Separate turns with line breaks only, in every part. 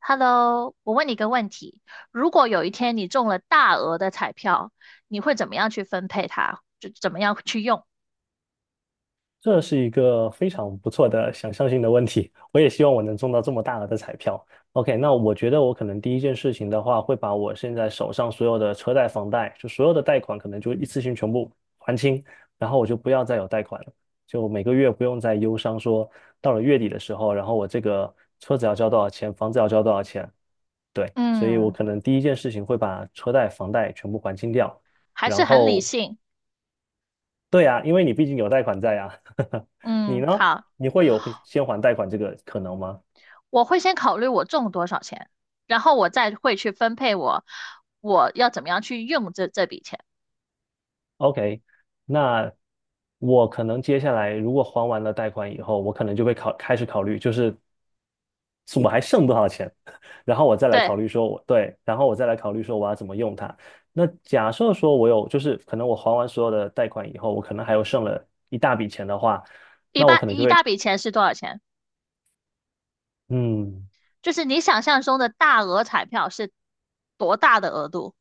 Hello，我问你一个问题：如果有一天你中了大额的彩票，你会怎么样去分配它？就怎么样去用？
这是一个非常不错的想象性的问题，我也希望我能中到这么大额的彩票。OK，那我觉得我可能第一件事情的话，会把我现在手上所有的车贷、房贷，就所有的贷款，可能就一次性全部还清，然后我就不要再有贷款了，就每个月不用再忧伤说到了月底的时候，然后我这个车子要交多少钱，房子要交多少钱。对，所以我
嗯，
可能第一件事情会把车贷、房贷全部还清掉，
还
然
是很理
后
性。
对啊，因为你毕竟有贷款在啊。你
嗯，
呢？
好，
你会有先还贷款这个可能吗
我会先考虑我中多少钱，然后我再会去分配我要怎么样去用这笔钱。
？OK，那我可能接下来如果还完了贷款以后，我可能就会开始考虑，就是我还剩多少钱，然后我再来
对，
考虑说我对，然后我再来考虑说我要怎么用它。那假设说我有，就是可能我还完所有的贷款以后，我可能还有剩了一大笔钱的话，
一
那我
般
可能就
一大
会。
笔钱是多少钱？
嗯，
就是你想象中的大额彩票是多大的额度？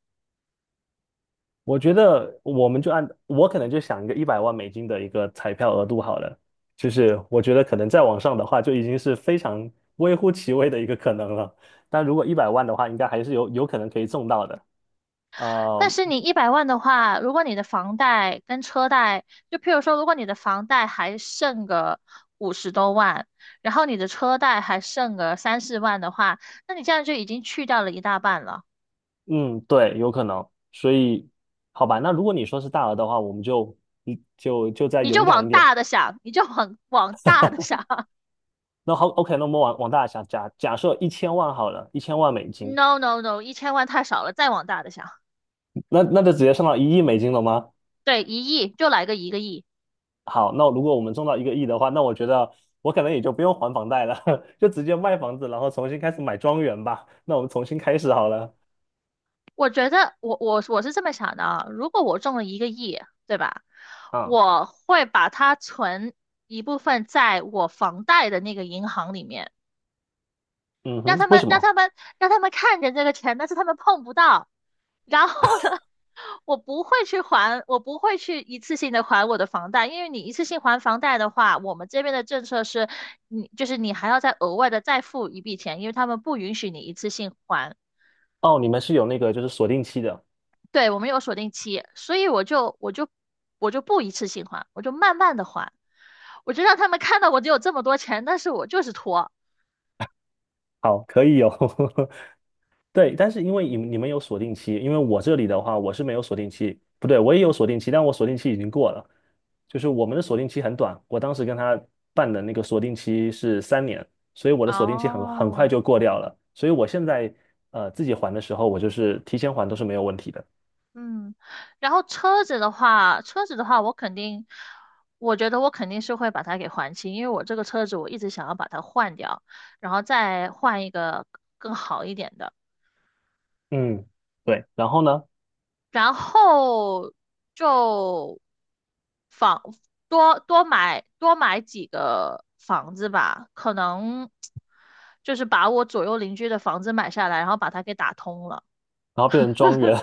我觉得我们就按我可能就想一个100万美金的一个彩票额度好了，就是我觉得可能再往上的话就已经是非常微乎其微的一个可能了。但如果一百万的话，应该还是有可能可以中到的。
但
呃，
是你100万的话，如果你的房贷跟车贷，就譬如说，如果你的房贷还剩个50多万，然后你的车贷还剩个三四万的话，那你这样就已经去掉了一大半了。
嗯，对，有可能。所以，好吧，那如果你说是大额的话，我们就再
你就
勇敢
往
一点。
大的想，你就往大的想。
那好，OK，那我们往大了想，假设一千万好了，1000万美金，
No no no，1000万太少了，再往大的想。
那就直接上到1亿美金了吗？
对，1亿就来个一个亿。
好，那如果我们中到一个亿的话，那我觉得我可能也就不用还房贷了，就直接卖房子，然后重新开始买庄园吧。那我们重新开始好了。
我觉得我是这么想的啊，如果我中了一个亿，对吧？
啊，
我会把它存一部分在我房贷的那个银行里面，
嗯
让
哼，
他
为
们
什
让
么？
他们让他们看见这个钱，但是他们碰不到。然后呢，我不会去还，我不会去一次性的还我的房贷，因为你一次性还房贷的话，我们这边的政策是，你就是你还要再额外的再付一笔钱，因为他们不允许你一次性还。
哦，你们是有那个就是锁定期的。
对，我们有锁定期，所以我就不一次性还，我就慢慢的还，我就让他们看到我只有这么多钱，但是我就是拖。
好，可以有。对，但是因为你们有锁定期，因为我这里的话我是没有锁定期，不对，我也有锁定期，但我锁定期已经过了，就是我们的锁定期很短，我当时跟他办的那个锁定期是3年，所以我的锁定期很
哦，
快就过掉了，所以我现在自己还的时候，我就是提前还都是没有问题的。
嗯，然后车子的话，我觉得我肯定是会把它给还清，因为我这个车子我一直想要把它换掉，然后再换一个更好一点的。
嗯，对，然后呢，
然后就房多买几个房子吧，可能就是把我左右邻居的房子买下来，然后把它给打通了，
然后变成庄园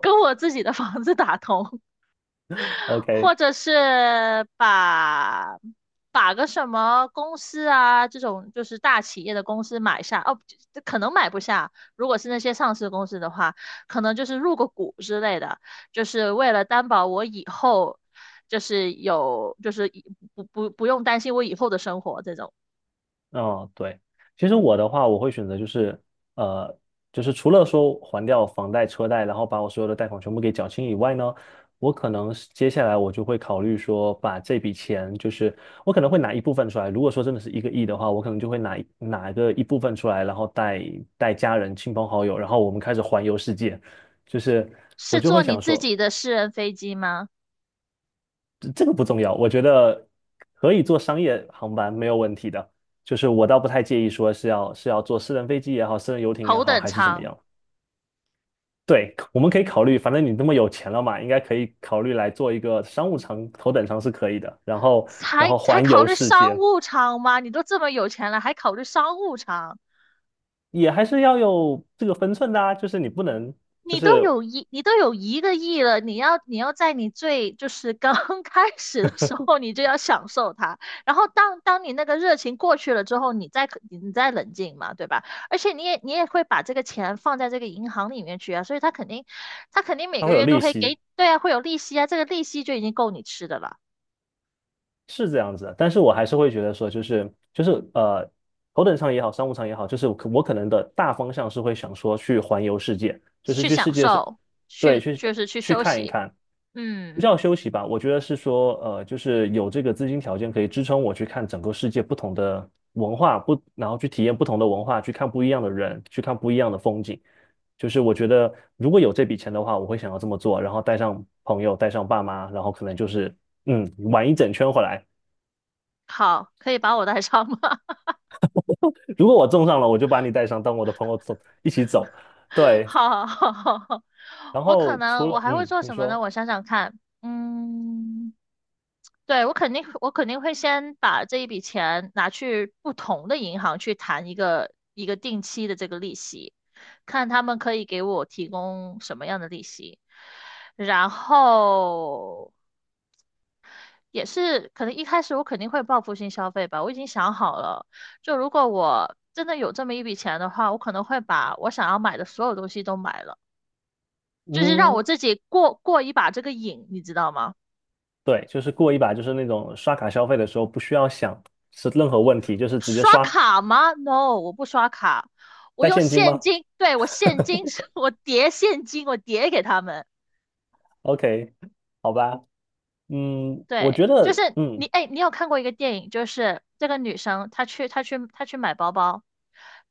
跟我自己的房子打通。
，OK。
或者是把个什么公司啊，这种就是大企业的公司买下，哦，这可能买不下。如果是那些上市公司的话，可能就是入个股之类的，就是为了担保我以后就是有，就是以不用担心我以后的生活这种。
嗯，对，其实我的话，我会选择就是，呃，就是除了说还掉房贷、车贷，然后把我所有的贷款全部给缴清以外呢，我可能是接下来我就会考虑说，把这笔钱，就是我可能会拿一部分出来。如果说真的是一个亿的话，我可能就会拿一部分出来，然后带家人、亲朋好友，然后我们开始环游世界。就是我
是
就
坐
会
你
想
自
说。
己的私人飞机吗？
这个不重要，我觉得可以坐商业航班没有问题的。就是我倒不太介意说是要坐私人飞机也好，私人游艇也
头
好，
等
还是怎么
舱，
样。对，我们可以考虑，反正你那么有钱了嘛，应该可以考虑来做一个商务舱、头等舱是可以的。然后，然
才
后
才
环
考
游
虑
世
商
界
务舱吗？你都这么有钱了，还考虑商务舱？
也还是要有这个分寸的啊，就是你不能，就是
你都有一个亿了，你要在你最就是刚 开始的时候，你就要享受它。然后当你那个热情过去了之后，你再冷静嘛，对吧？而且你也会把这个钱放在这个银行里面去啊，所以他肯定每
它
个
会有
月都
利
会
息，
给，对啊，会有利息啊，这个利息就已经够你吃的了，
是这样子的，但是我还是会觉得说，就是头等舱也好，商务舱也好，就是我可能的大方向是会想说去环游世界，就是
去
去
享
世界上，
受，
对，
去
去
就是去
去
休
看一
息。
看，不
嗯，
叫休息吧，我觉得是说就是有这个资金条件可以支撑我去看整个世界不同的文化，不，然后去体验不同的文化，去看不一样的人，去看不一样的风景。就是我觉得如果有这笔钱的话，我会想要这么做，然后带上朋友，带上爸妈，然后可能就是玩一整圈回来。
好，可以把我带上吗？
如果我中上了，我就把你带上，当我的朋友走，一起走。对，
好好好好，
然
我可
后除
能我
了
还会做
你
什么呢？
说
我想想看，嗯，对，我肯定会先把这一笔钱拿去不同的银行去谈一个定期的这个利息，看他们可以给我提供什么样的利息，然后也是可能一开始我肯定会报复性消费吧，我已经想好了。就如果我真的有这么一笔钱的话，我可能会把我想要买的所有东西都买了。就是让
嗯，
我自己过过一把这个瘾，你知道吗？
对，就是过一把，就是那种刷卡消费的时候不需要想是任何问题，就是直接
刷
刷，
卡吗？No，我不刷卡，我
带
用
现金
现
吗
金。对，我现金，我叠现金，我叠给他们。
？OK，好吧，我觉
对，就
得
是你，哎，你有看过一个电影，就是这个女生她去买包包，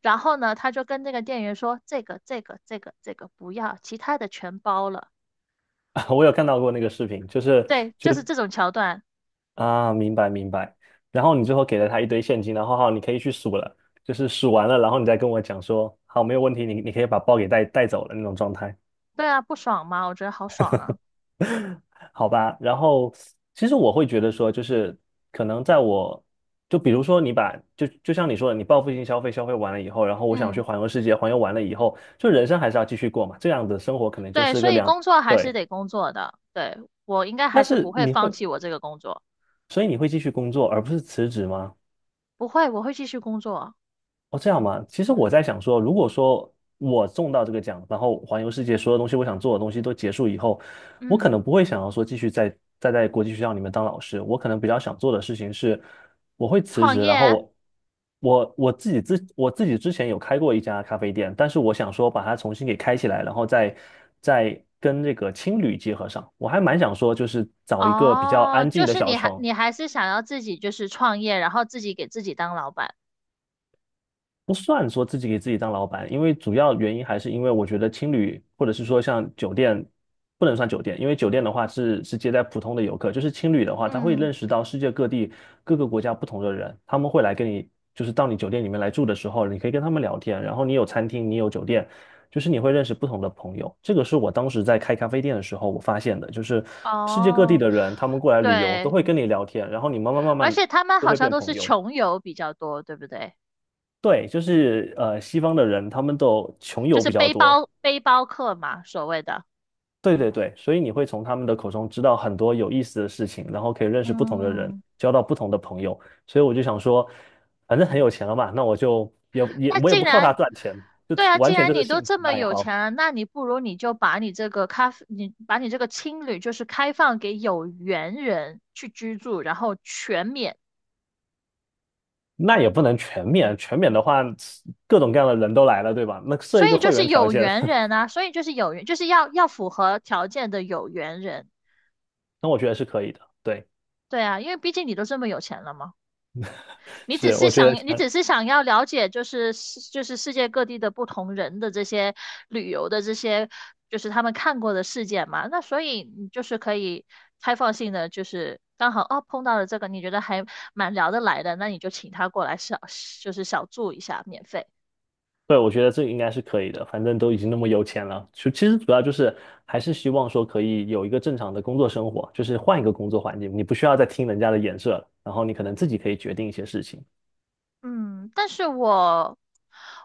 然后呢，她就跟那个店员说这个不要，其他的全包了。
我有看到过那个视频，就是
对，就是这种桥段。
啊，明白明白。然后你最后给了他一堆现金，然后好，你可以去数了，就是数完了，然后你再跟我讲说，好，没有问题，你可以把包给带走了那种状态，
对啊，不爽吗？我觉得好爽啊。
好吧？然后其实我会觉得说，就是可能在我，就比如说你就像你说的，你报复性消费消费完了以后，然后我想去
嗯。
环游世界，环游完了以后，就人生还是要继续过嘛，这样的生活可能就
对，
是
所
个
以
两，
工作还是
对。
得工作的。对，我应该还
但
是不
是
会
你
放
会，
弃我这个工作，
所以你会继续工作，而不是辞职吗？
不会，我会继续工作。
哦，这样吗？其实我在想说，如果说我中到这个奖，然后环游世界所有东西我想做的东西都结束以后，我可
嗯，
能不会想要说继续在国际学校里面当老师，我可能比较想做的事情是，我会辞
创
职，然后
业
我我我自己自我自己之前有开过一家咖啡店，但是我想说把它重新给开起来，然后再跟这个青旅结合上，我还蛮想说就是找一个比较
哦，
安
就
静的
是
小
你还
城。
你还是想要自己就是创业，然后自己给自己当老板。
不算说自己给自己当老板，因为主要原因还是因为我觉得青旅或者是说像酒店不能算酒店，因为酒店的话是接待普通的游客，就是青旅的话，他会
嗯，
认识到世界各地各个国家不同的人，他们会来跟你，就是到你酒店里面来住的时候，你可以跟他们聊天，然后你有餐厅，你有酒店，就是你会认识不同的朋友。这个是我当时在开咖啡店的时候我发现的，就是世界各地
哦，
的人他们过来旅游都
对，
会跟你聊天，然后你慢慢慢
而
慢
且他们
都
好
会
像
变
都
朋
是
友。
穷游比较多，对不对？
对，就是西方的人他们都穷
就
游
是
比较多，
背包客嘛，所谓的。
对对对，所以你会从他们的口中知道很多有意思的事情，然后可以认识不同的人，
嗯。
交到不同的朋友。所以我就想说，反正很有钱了嘛，那我就也也
那
我也
既
不靠他
然，
赚钱，就
对啊，既
完全就
然
是
你都
兴趣
这么
爱
有
好。
钱了，那你不如你就把你这个咖啡，你把你这个青旅就是开放给有缘人去居住，然后全免。
那也不能全免，全免的话，各种各样的人都来了，对吧？那设
所
一个
以就
会
是
员条
有
件，
缘 人啊，所以就是有缘，就是要符合条件的有缘人。
那我觉得是可以的。对，
对啊，因为毕竟你都这么有钱了嘛。
是，我觉
你
得。
只是想要了解，就是世界各地的不同人的这些旅游的这些，就是他们看过的事件嘛。那所以你就是可以开放性的，就是刚好哦碰到了这个，你觉得还蛮聊得来的，那你就请他过来，就是小住一下，免费。
对，我觉得这应该是可以的，反正都已经那么有钱了，就其实主要就是还是希望说可以有一个正常的工作生活，就是换一个工作环境，你不需要再听人家的眼射了，然后你可能自己可以决定一些事情。
嗯，但是我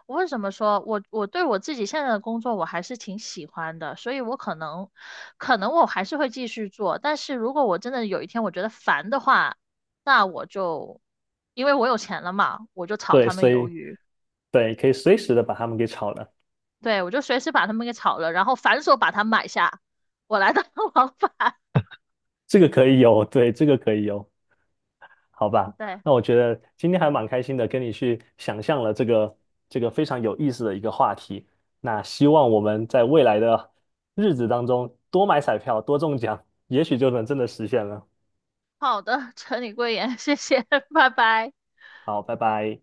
我为什么说我对我自己现在的工作我还是挺喜欢的，所以我可能我还是会继续做，但是如果我真的有一天我觉得烦的话，那我就因为我有钱了嘛，我就炒
对，
他们
所
鱿
以
鱼，
对，可以随时的把他们给炒了。
对，我就随时把他们给炒了，然后反手把它买下，我来当 老板。
这个可以有，对，这个可以有。好吧，
对，
那我觉得今天还蛮开心的，跟你去想象了这个非常有意思的一个话题。那希望我们在未来的日子当中多买彩票，多中奖，也许就能真的实现了。
好的，陈你贵言，谢谢，拜拜。
好，拜拜。